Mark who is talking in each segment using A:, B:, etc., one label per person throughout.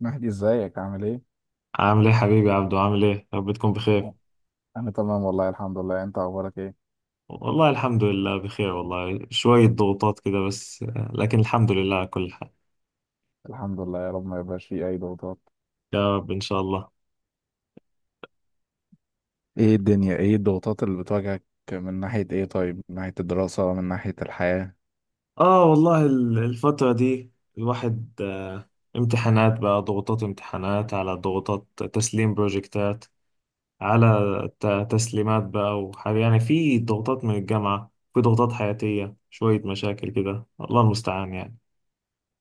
A: مهدي، ازيك؟ عامل ايه؟
B: عامل ايه حبيبي يا عبدو، عامل ايه يا رب تكون بخير.
A: انا تمام والله الحمد لله. انت اخبارك ايه؟
B: والله الحمد لله بخير، والله شوية ضغوطات كده بس لكن الحمد لله على كل حال.
A: الحمد لله. يا رب ما يبقاش فيه اي ضغوطات.
B: يا رب ان شاء الله.
A: ايه الدنيا؟ ايه الضغوطات اللي بتواجهك؟ من ناحية ايه طيب؟ من ناحية الدراسة، من ناحية الحياة.
B: اه والله الفترة دي الواحد امتحانات بقى، ضغوطات امتحانات على ضغوطات، تسليم بروجكتات على تسليمات بقى وحاجة، يعني في ضغوطات من الجامعة، في ضغوطات حياتية، شوية مشاكل كده، الله المستعان يعني.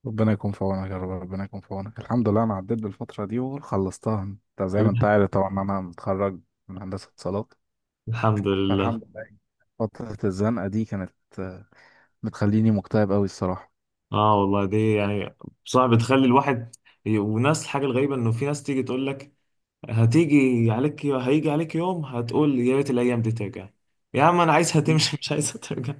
A: ربنا يكون في عونك يا رب، ربنا يكون في عونك. الحمد لله انا عديت بالفترة دي وخلصتها، انت زي ما انت عارف طبعا إن انا متخرج من هندسة اتصالات،
B: الحمد لله.
A: فالحمد لله. فترة الزنقة دي كانت آه، بتخليني مكتئب قوي الصراحة.
B: اه والله دي يعني بصراحة بتخلي الواحد وناس. الحاجة الغريبة انه في ناس تيجي تقول لك هتيجي عليك، هيجي عليك يوم هتقول يا ريت الايام دي ترجع. يا عم انا عايزها تمشي مش عايزها ترجع.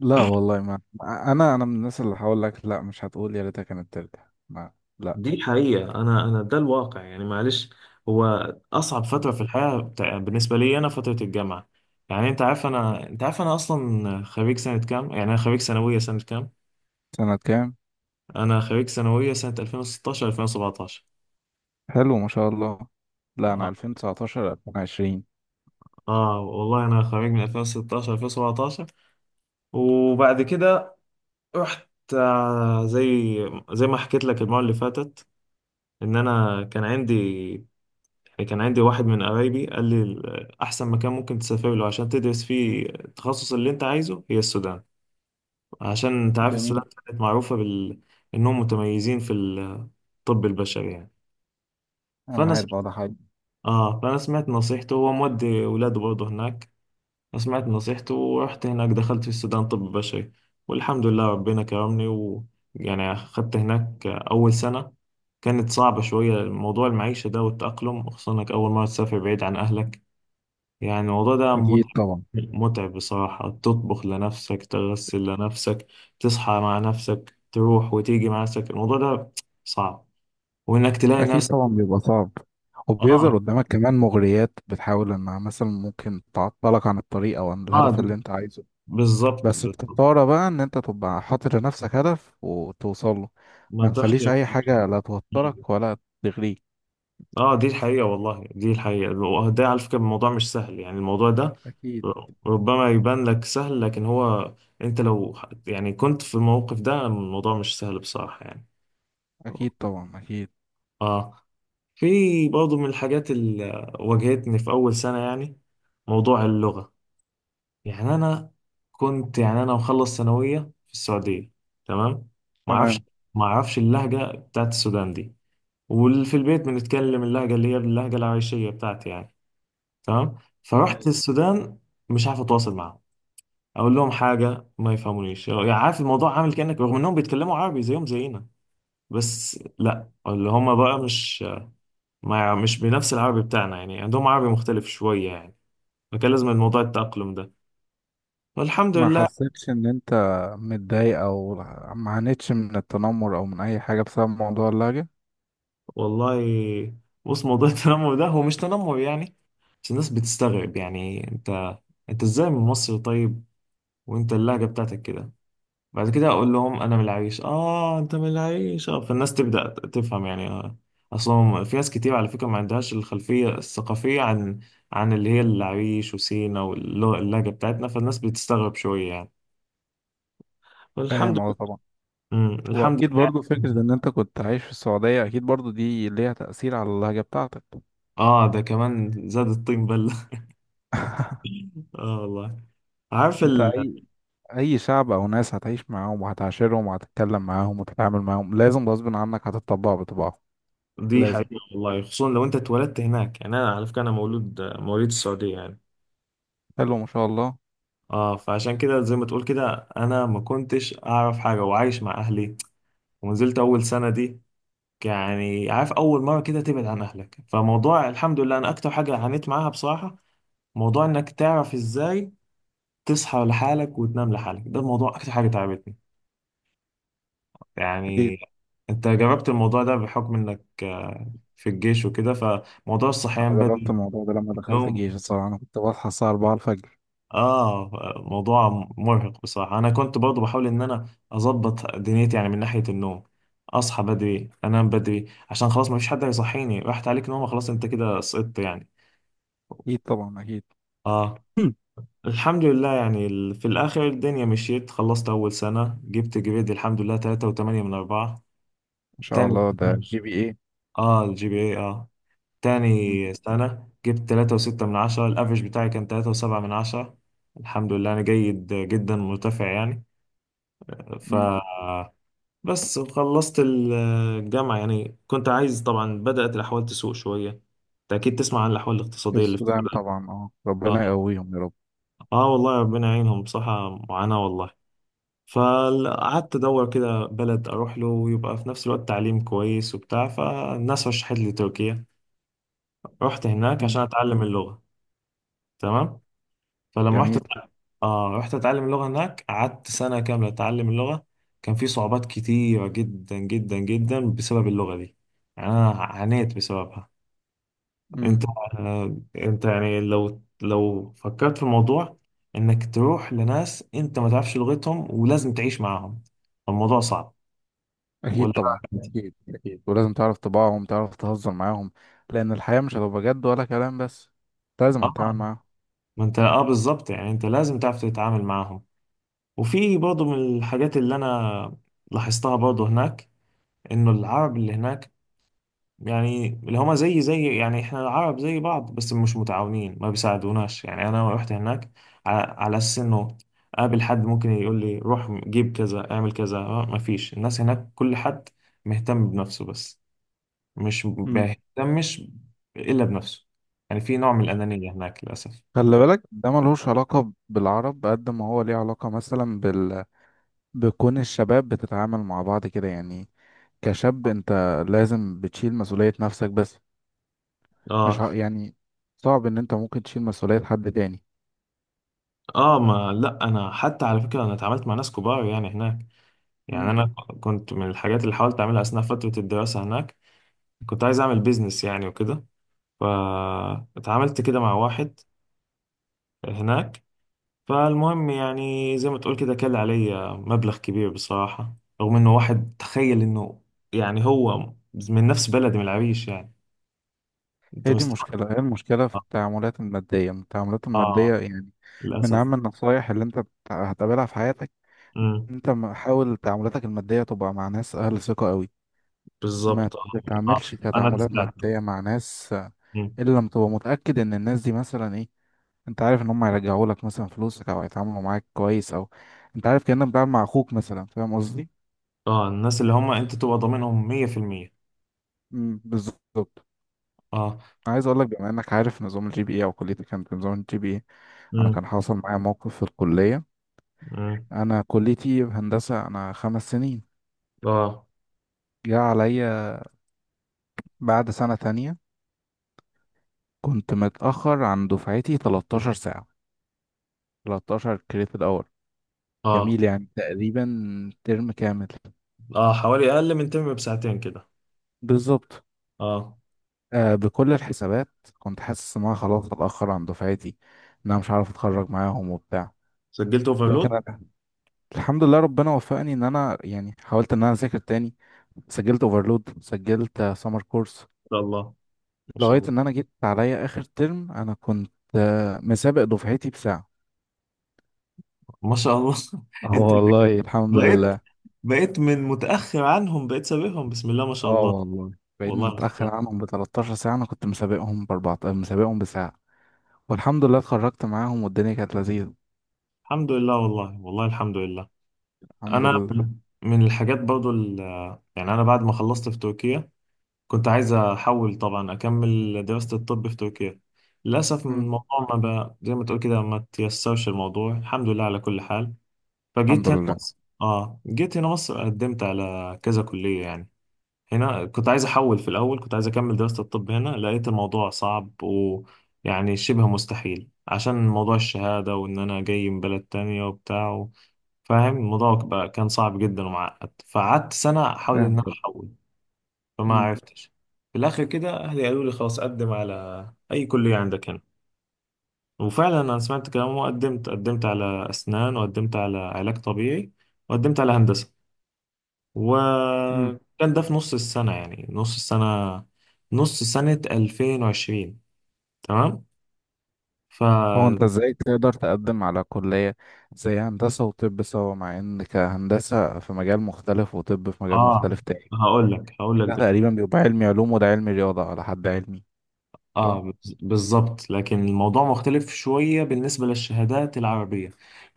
A: لا والله، ما انا من الناس اللي هقول لك، لا، مش هتقول يا ريتها كانت ترجع، ما لا.
B: دي حقيقة، انا ده الواقع يعني، معلش. هو اصعب فترة في الحياة بالنسبة لي انا فترة الجامعة. يعني انت عارف انا، انت عارف انا اصلا خريج سنة كام، يعني انا خريج ثانوية سنة كام.
A: سنة كام؟
B: انا خريج ثانوية سنة 2016 2017.
A: حلو ما شاء الله. لا أنا
B: اه
A: 2019 2020.
B: والله انا خريج من 2016 2017. وبعد كده رحت، زي ما حكيت لك المرة اللي فاتت، ان انا كان عندي، كان عندي واحد من قرايبي قال لي احسن مكان ممكن تسافر له عشان تدرس فيه التخصص اللي انت عايزه هي السودان. عشان انت عارف
A: جميل.
B: السودان كانت معروفة بال، انهم متميزين في الطب البشري يعني.
A: أنا
B: فانا س...
A: عارف، اه، ده حاجة.
B: اه فانا سمعت نصيحته، هو مودي ولاده برضه هناك. سمعت نصيحته ورحت هناك، دخلت في السودان طب بشري. والحمد لله ربنا كرمني و، يعني أخدت هناك أول سنة. كانت صعبة شوية، موضوع المعيشة ده والتأقلم، خصوصا إنك أول مرة تسافر بعيد عن أهلك. يعني الموضوع ده
A: أكيد
B: متعب،
A: طبعا.
B: متعب بصراحة. تطبخ لنفسك، تغسل لنفسك، تصحى مع نفسك، تروح وتيجي مع نفسك، الموضوع ده صعب. وإنك تلاقي
A: أكيد
B: ناس.
A: طبعا بيبقى صعب،
B: آه
A: وبيظهر قدامك كمان مغريات بتحاول إنها مثلا ممكن تعطلك عن الطريق أو عن
B: آه
A: الهدف اللي
B: دي-
A: أنت عايزه.
B: بالظبط
A: بس بتضطر بقى إن أنت تبقى حاطط لنفسك هدف وتوصل له.
B: ما
A: ما تخليش
B: بتحشي.
A: أي حاجة لا توترك ولا تغريك.
B: اه دي الحقيقة والله، دي الحقيقة. وده على فكرة الموضوع مش سهل، يعني الموضوع ده
A: أكيد،
B: ربما يبان لك سهل لكن هو انت يعني كنت في الموقف ده الموضوع مش سهل بصراحة يعني.
A: أكيد طبعا، أكيد،
B: اه في برضه من الحاجات اللي واجهتني في أول سنة، يعني موضوع اللغة. يعني أنا كنت، يعني أنا مخلص ثانوية في السعودية، تمام. معرفش
A: تمام.
B: معرفش اللهجة بتاعت السودان دي. وفي البيت بنتكلم اللهجة اللي هي اللهجة العايشية بتاعتي يعني، تمام. فرحت السودان مش عارف اتواصل معاهم، اقول لهم حاجه ما يفهمونيش. يعني عارف الموضوع عامل كانك، رغم انهم بيتكلموا عربي زيهم زينا، بس لا اللي هم بقى مش، ما يع- مش بنفس العربي بتاعنا يعني، عندهم عربي مختلف شويه يعني. فكان لازم الموضوع التأقلم ده، والحمد
A: ما
B: لله.
A: حسيتش ان انت متضايق، او ما عانيتش من التنمر او من اي حاجه بسبب موضوع اللهجه؟
B: والله بص موضوع التنمر ده هو مش تنمر يعني، بس الناس بتستغرب. يعني انت، انت ازاي من مصر؟ طيب وانت اللهجه بتاعتك كده. بعد كده اقول لهم انا من العريش، اه انت من العريش، اه فالناس تبدا تفهم يعني اصلا في ناس كتير على فكره ما عندهاش الخلفيه الثقافيه عن، عن اللي هي العريش وسينا واللهجه بتاعتنا، فالناس بتستغرب شويه يعني. والحمد
A: فاهم، اه
B: لله.
A: طبعا.
B: الحمد
A: واكيد
B: لله.
A: برضو فكره ان انت كنت عايش في السعوديه، اكيد برضو دي ليها تاثير على اللهجه بتاعتك.
B: اه ده كمان زاد الطين بله. اه والله. عارف
A: انت
B: ال...
A: اي شعب او ناس هتعيش معاهم وهتعاشرهم وهتتكلم معاهم وتتعامل معاهم، لازم غصب عنك هتطبع بطباعهم.
B: دي
A: لازم.
B: حقيقه. والله خصوصا لو انت اتولدت هناك، يعني انا على فكره انا مولود مواليد السعوديه يعني.
A: حلو ما شاء الله.
B: اه فعشان كده زي ما تقول كده انا ما كنتش اعرف حاجه، وعايش مع اهلي، ونزلت اول سنه دي. يعني عارف اول مره كده تبعد عن اهلك، فموضوع الحمد لله انا اكتر حاجه عانيت معاها بصراحه، موضوع انك تعرف ازاي تصحى لحالك وتنام لحالك، ده الموضوع اكتر حاجه تعبتني
A: اكيد.
B: يعني. انت جربت الموضوع ده بحكم انك في الجيش وكده، فموضوع
A: انا
B: الصحيان
A: جربت
B: بدري،
A: الموضوع ده لما دخلت
B: النوم.
A: الجيش. الصراحه انا كنت بصحى الساعه 4 الفجر.
B: اه موضوع مرهق بصراحة. انا كنت برضو بحاول ان انا اظبط دنيتي يعني من ناحية النوم، اصحى بدري انام بدري عشان خلاص ما فيش حد هيصحيني، راحت عليك نومة خلاص انت كده سقطت يعني.
A: اكيد طبعا، اكيد.
B: اه الحمد لله يعني في الاخر الدنيا مشيت، خلصت اول سنة جبت جريد الحمد لله 3.8 من 4.
A: ما شاء
B: تاني،
A: الله، ده جي بي
B: اه الجي بي اي اه، تاني سنة جبت 3.6 من 10، الافرج بتاعي كان 3.7 من 10. الحمد لله انا جيد جدا مرتفع يعني. ف
A: ايه.
B: بس خلصت الجامعة، يعني كنت عايز طبعا، بدأت الأحوال تسوء شوية. أنت أكيد تسمع عن الأحوال الاقتصادية اللي في
A: السودان
B: السودان.
A: طبعا، اه،
B: آه.
A: ربنا يقويهم يا رب.
B: آه والله ربنا يعينهم بصراحة، معاناة والله. فقعدت أدور كده بلد أروح له ويبقى في نفس الوقت تعليم كويس وبتاع، فالناس رشحت لي تركيا. رحت هناك عشان
A: مم.
B: أتعلم اللغة، تمام. فلما رحت،
A: جميل.
B: آه رحت أتعلم اللغة هناك، قعدت سنة كاملة أتعلم اللغة. كان في صعوبات كتيرة جدا جدا جدا بسبب اللغة دي، يعني أنا عانيت بسببها.
A: مم.
B: انت انت يعني لو فكرت في الموضوع، انك تروح لناس انت ما تعرفش لغتهم ولازم تعيش معاهم، الموضوع صعب ولا؟
A: اكيد طبعا، اكيد، اكيد. ولازم تعرف طباعهم، تعرف تهزر معاهم، لان الحياة مش هتبقى جد ولا كلام بس. أنت لازم
B: اه
A: هتتعامل معاهم.
B: ما انت اه بالظبط، يعني انت لازم تعرف تتعامل معاهم. وفي برضه من الحاجات اللي انا لاحظتها برضه هناك، انه العرب اللي هناك، يعني اللي هما زي يعني احنا العرب زي بعض بس مش متعاونين، ما بيساعدوناش. يعني انا رحت هناك على اساس انه اقابل حد ممكن يقول لي روح جيب كذا اعمل كذا، ما فيش. الناس هناك كل حد مهتم بنفسه بس، مش
A: مم.
B: بيهتمش الا بنفسه. يعني في نوع من الانانية هناك للاسف.
A: خلي بالك، ده ملهوش علاقة بالعرب قد ما هو ليه علاقة مثلا بال... بكون الشباب بتتعامل مع بعض كده يعني. كشاب، انت لازم بتشيل مسؤولية نفسك بس. مش ع-
B: اه.
A: يعني صعب ان انت ممكن تشيل مسؤولية حد تاني.
B: اه ما لا، انا حتى على فكرة انا اتعاملت مع ناس كبار يعني هناك. يعني انا كنت من الحاجات اللي حاولت اعملها اثناء فترة الدراسة هناك، كنت عايز اعمل بيزنس يعني وكده، فاتعاملت كده مع واحد هناك. فالمهم يعني زي ما تقول كده كل عليا مبلغ كبير بصراحة، رغم انه واحد تخيل انه، يعني هو من نفس بلدي من العريش يعني، انت
A: هي دي
B: مستوعب.
A: المشكلة، هي المشكلة في
B: اه
A: التعاملات المادية. التعاملات
B: آه،
A: المادية يعني من
B: للأسف.
A: أهم النصايح اللي أنت هتقابلها في حياتك.
B: امم
A: أنت حاول تعاملاتك المادية تبقى مع ناس أهل ثقة قوي. ما
B: بالظبط اه. آه،
A: تتعاملش
B: انا
A: كتعاملات
B: اتسلقت.
A: مادية مع ناس
B: أمم.
A: إلا لما تبقى متأكد إن الناس دي مثلا إيه. أنت عارف إن هم هيرجعوا لك مثلا فلوسك، أو هيتعاملوا معاك كويس، أو أنت عارف كأنك بتتعامل مع أخوك مثلا. فاهم قصدي؟
B: اه الناس اللي هم انت تبقى ضامنهم 100%.
A: مم، بالظبط.
B: اه.
A: عايز أقول لك، بما إنك عارف نظام الجي بي إيه، أو كليتك كانت بنظام الجي بي إيه، أنا
B: امم
A: كان حاصل معايا موقف في الكلية.
B: امم
A: انا كليتي هندسة، انا خمس سنين.
B: اه.
A: جه عليا بعد سنة تانية، كنت متأخر عن دفعتي 13 ساعة، 13 كريدت اور.
B: اه
A: جميل يعني، تقريبا ترم كامل.
B: اه حوالي اقل من تم بساعتين كده.
A: بالظبط.
B: اه
A: بكل الحسابات كنت حاسس ان انا خلاص اتأخر عن دفعتي، ان انا مش عارف اتخرج معاهم وبتاع.
B: سجلت اوفرلود.
A: لكن
B: ان
A: أنا الحمد لله ربنا وفقني ان انا يعني حاولت ان انا اذاكر تاني، سجلت اوفرلود، سجلت سمر كورس،
B: شاء الله شاء
A: لغاية
B: الله.
A: إن أنا جيت عليا آخر ترم أنا كنت مسابق دفعتي بساعة.
B: ما شاء الله.
A: اه
B: انت
A: والله الحمد
B: بقيت،
A: لله.
B: بقيت من متأخر عنهم بقيت سابقهم، بسم الله ما شاء
A: اه
B: الله.
A: والله، بعيد
B: والله ما شاء الله.
A: متأخر عنهم ب 13 ساعة، أنا كنت مسابقهم ب 14، مسابقهم بساعة. والحمد لله اتخرجت معاهم والدنيا كانت لذيذة.
B: الحمد لله والله، والله الحمد لله.
A: الحمد
B: انا
A: لله.
B: من الحاجات برضو يعني انا بعد ما خلصت في تركيا كنت عايز احول طبعا، اكمل دراسة الطب في تركيا، للاسف
A: مم.
B: الموضوع ما بقى زي ما تقول كده، ما تيسرش الموضوع، الحمد لله على كل حال.
A: الحمد
B: فجيت هنا
A: لله.
B: مصر، اه جيت هنا مصر قدمت على كذا كلية يعني. هنا كنت عايز احول، في الاول كنت عايز اكمل دراسة الطب هنا، لقيت الموضوع صعب ويعني شبه مستحيل عشان موضوع الشهادة، وان انا جاي من بلد تانية وبتاع فاهم. الموضوع بقى كان صعب جدا ومعقد، فقعدت سنة احاول ان
A: فاهم،
B: انا
A: طب.
B: احول فما
A: مم.
B: عرفتش. في الاخر كده اهلي قالوا لي خلاص قدم على اي كلية عندك هنا. وفعلا انا سمعت كلامهم وقدمت، قدمت على اسنان وقدمت على علاج طبيعي وقدمت على هندسة.
A: مم.
B: وكان ده في نص السنة، يعني نص السنة، نص سنة 2020، تمام. ف
A: هو أنت إزاي تقدر تقدم على كلية زي هندسة وطب سوا، مع إن كهندسة في مجال مختلف وطب في مجال
B: اه
A: مختلف تاني؟
B: هقول
A: ده
B: لك.
A: تقريبا بيبقى علمي علوم وده علمي رياضة على حد علمي،
B: اه
A: صح؟
B: بالظبط، لكن الموضوع مختلف شوية بالنسبة للشهادات العربية.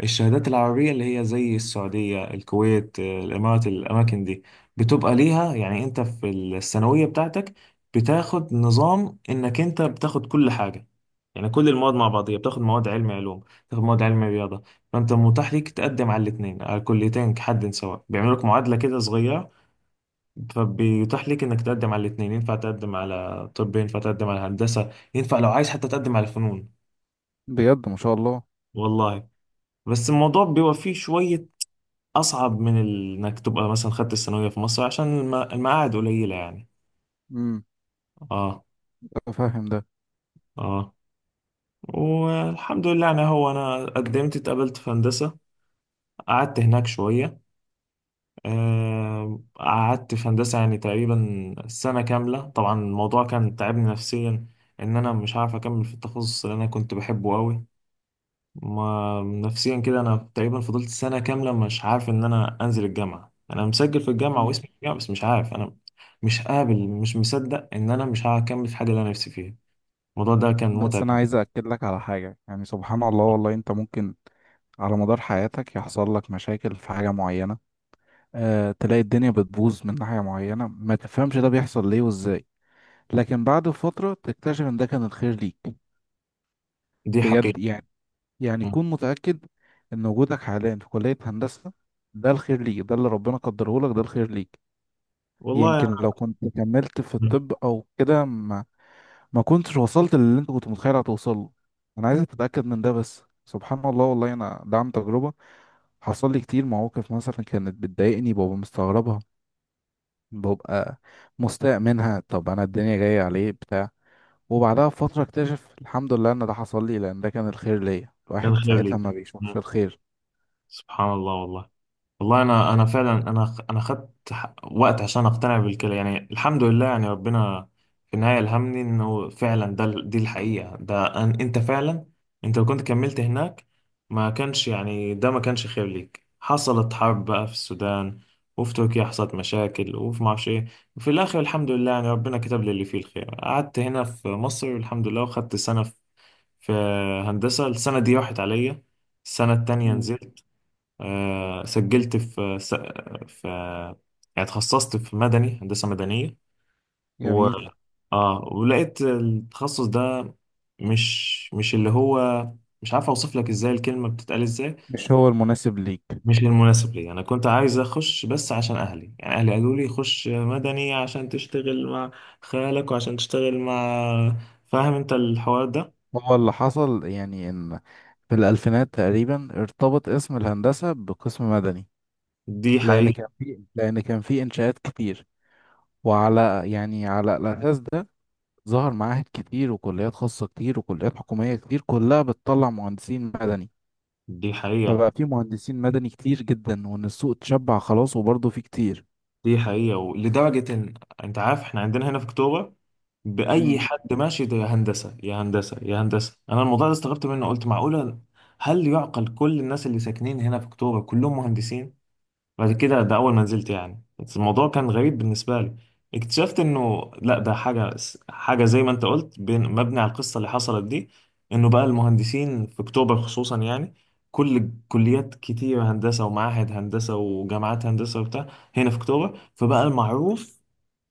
B: الشهادات العربية اللي هي زي السعودية، الكويت، الإمارات، الأماكن دي بتبقى ليها يعني، أنت في الثانوية بتاعتك بتاخد نظام إنك أنت بتاخد كل حاجة، يعني كل المواد مع بعضيها، بتاخد مواد علم علوم، بتاخد مواد علم رياضة. فأنت متاح ليك تقدم على الاتنين، على الكليتين كحد سواء، بيعملوا لك معادلة كده صغيرة، فبيتاح ليك انك تقدم على الاثنين، ينفع تقدم على طب، ينفع تقدم على هندسة، ينفع لو عايز حتى تقدم على فنون.
A: بجد ما شاء الله.
B: والله بس الموضوع بيبقى فيه شوية اصعب من انك تبقى مثلا خدت الثانوية في مصر، عشان المقاعد قليلة يعني.
A: امم
B: اه.
A: فاهم ده.
B: اه والحمد لله يعني، هو انا قدمت اتقبلت في هندسة. قعدت هناك شوية، قعدت في هندسة يعني تقريبا سنة كاملة. طبعا الموضوع كان تعبني نفسيا، ان انا مش عارف اكمل في التخصص اللي انا كنت بحبه قوي. ما نفسيا كده انا تقريبا فضلت سنه كامله مش عارف ان انا انزل الجامعه، انا مسجل في الجامعه
A: مم.
B: واسمي في الجامعه بس مش عارف انا، مش قابل مش مصدق ان انا مش هكمل في الحاجه اللي انا نفسي فيها. الموضوع ده كان
A: بس
B: متعب.
A: انا عايز اكد لك على حاجه، يعني سبحان الله والله، انت ممكن على مدار حياتك يحصل لك مشاكل في حاجه معينه، تلاقي الدنيا بتبوظ من ناحيه معينه، ما تفهمش ده بيحصل ليه وازاي، لكن بعد فتره تكتشف ان ده كان الخير ليك.
B: دي
A: بجد
B: حقيقه.
A: يعني. يعني
B: م.
A: كون متاكد ان وجودك حاليا في كليه هندسه، ده الخير ليك، ده اللي ربنا قدره لك، ده الخير ليك.
B: والله
A: يمكن لو كنت كملت في
B: يعني
A: الطب او كده ما كنتش وصلت للي انت كنت متخيل هتوصل له. انا عايزك تتاكد من ده بس. سبحان الله والله، انا ده عن تجربه. حصل لي كتير مواقف مثلا كانت بتضايقني، ببقى مستغربها، ببقى مستاء منها، طب انا الدنيا جايه عليه بتاع وبعدها بفتره اكتشف الحمد لله ان ده حصل لي لان ده كان الخير ليا.
B: كان
A: الواحد
B: خير
A: ساعتها
B: ليك.
A: ما
B: م.
A: بيشوفش الخير.
B: سبحان الله والله. والله انا فعلا، انا خدت وقت عشان اقتنع بالكلام يعني. الحمد لله يعني ربنا في النهايه الهمني انه فعلا ده دي الحقيقه، ده أن انت فعلا انت لو كنت كملت هناك ما كانش يعني، ده ما كانش خير ليك. حصلت حرب بقى في السودان، وفي تركيا حصلت مشاكل، وفي ما اعرفش ايه. وفي الاخر الحمد لله يعني ربنا كتب لي اللي فيه الخير، قعدت هنا في مصر والحمد لله، وخدت سنه في، في هندسه، السنه دي راحت عليا. السنه التانيه
A: مم.
B: نزلت، سجلت في في، يعني اتخصصت في مدني، هندسة مدنية. و
A: جميل.
B: اه ولقيت التخصص ده، مش مش اللي هو، مش عارف اوصف لك ازاي، الكلمة بتتقال ازاي،
A: مش هو المناسب ليك.
B: مش المناسب لي. انا كنت عايز اخش بس عشان اهلي، يعني اهلي قالوا لي خش مدني عشان تشتغل مع خالك، وعشان تشتغل مع، فاهم انت الحوار ده.
A: هو اللي حصل يعني ان في الالفينات تقريبا ارتبط اسم الهندسه بقسم مدني،
B: دي
A: لان
B: حقيقة.
A: كان في لان كان في انشاءات كتير، وعلى يعني على الاساس ده ظهر معاهد كتير وكليات خاصه كتير وكليات حكوميه كتير، كلها بتطلع مهندسين مدني.
B: دي حقيقة.
A: فبقى في مهندسين مدني كتير جدا، وان السوق اتشبع خلاص، وبرضه في كتير.
B: دي حقيقة. ولدرجة إن أنت عارف إحنا عندنا هنا في أكتوبر، بأي
A: مم.
B: حد ماشي ده يا هندسة يا هندسة يا هندسة. أنا الموضوع ده استغربت منه، قلت معقولة؟ هل يعقل كل الناس اللي ساكنين هنا في أكتوبر كلهم مهندسين؟ بعد كده، ده أول ما نزلت يعني، بس الموضوع كان غريب بالنسبة لي، اكتشفت إنه لا ده حاجة، حاجة زي ما أنت قلت بين مبني على القصة اللي حصلت دي، إنه بقى المهندسين في أكتوبر خصوصا يعني، كل كليات كتير هندسة ومعاهد هندسة وجامعات هندسة وبتاع، هنا في أكتوبر، فبقى المعروف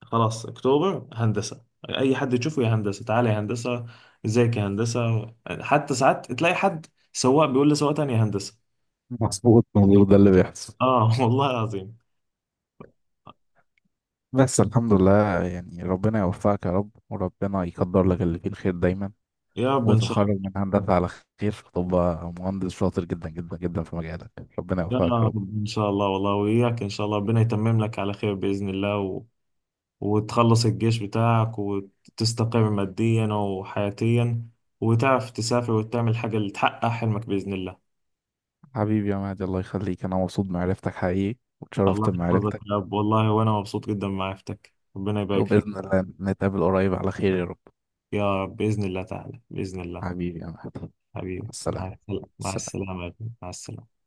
B: خلاص أكتوبر هندسة، أي حد يشوفه يا هندسة تعالى يا هندسة، ازيك يا هندسة، حتى ساعات تلاقي حد سواق بيقول لسواق تاني يا هندسة.
A: مظبوط، مظبوط، ده اللي بيحصل.
B: اه والله العظيم.
A: بس الحمد لله، يعني ربنا يوفقك يا رب، وربنا يقدر لك اللي فيه الخير دايما،
B: يا رب ان شاء.
A: وتتخرج من هندسة على خير، فتبقى مهندس شاطر جدا جدا جدا في مجالك. ربنا
B: لا
A: يوفقك يا رب.
B: ان شاء الله والله، وإياك ان شاء الله، ربنا يتمم لك على خير بإذن الله وتخلص الجيش بتاعك وتستقر ماديا وحياتيا، وتعرف تسافر وتعمل حاجة اللي تحقق حلمك بإذن الله.
A: حبيبي يا مهدي، الله يخليك، أنا مبسوط بمعرفتك حقيقي،
B: الله
A: واتشرفت
B: يحفظك
A: بمعرفتك.
B: يا رب والله، وأنا مبسوط جدا بمعرفتك، ربنا يبارك فيك.
A: وبإذن الله نتقابل قريب على خير يا رب.
B: يا رب بإذن الله تعالى، بإذن الله.
A: حبيبي يا مهدي، مع
B: حبيبي
A: السلامة،
B: مع السلامة، مع
A: السلامة،
B: السلامة يا ابني. مع السلامة.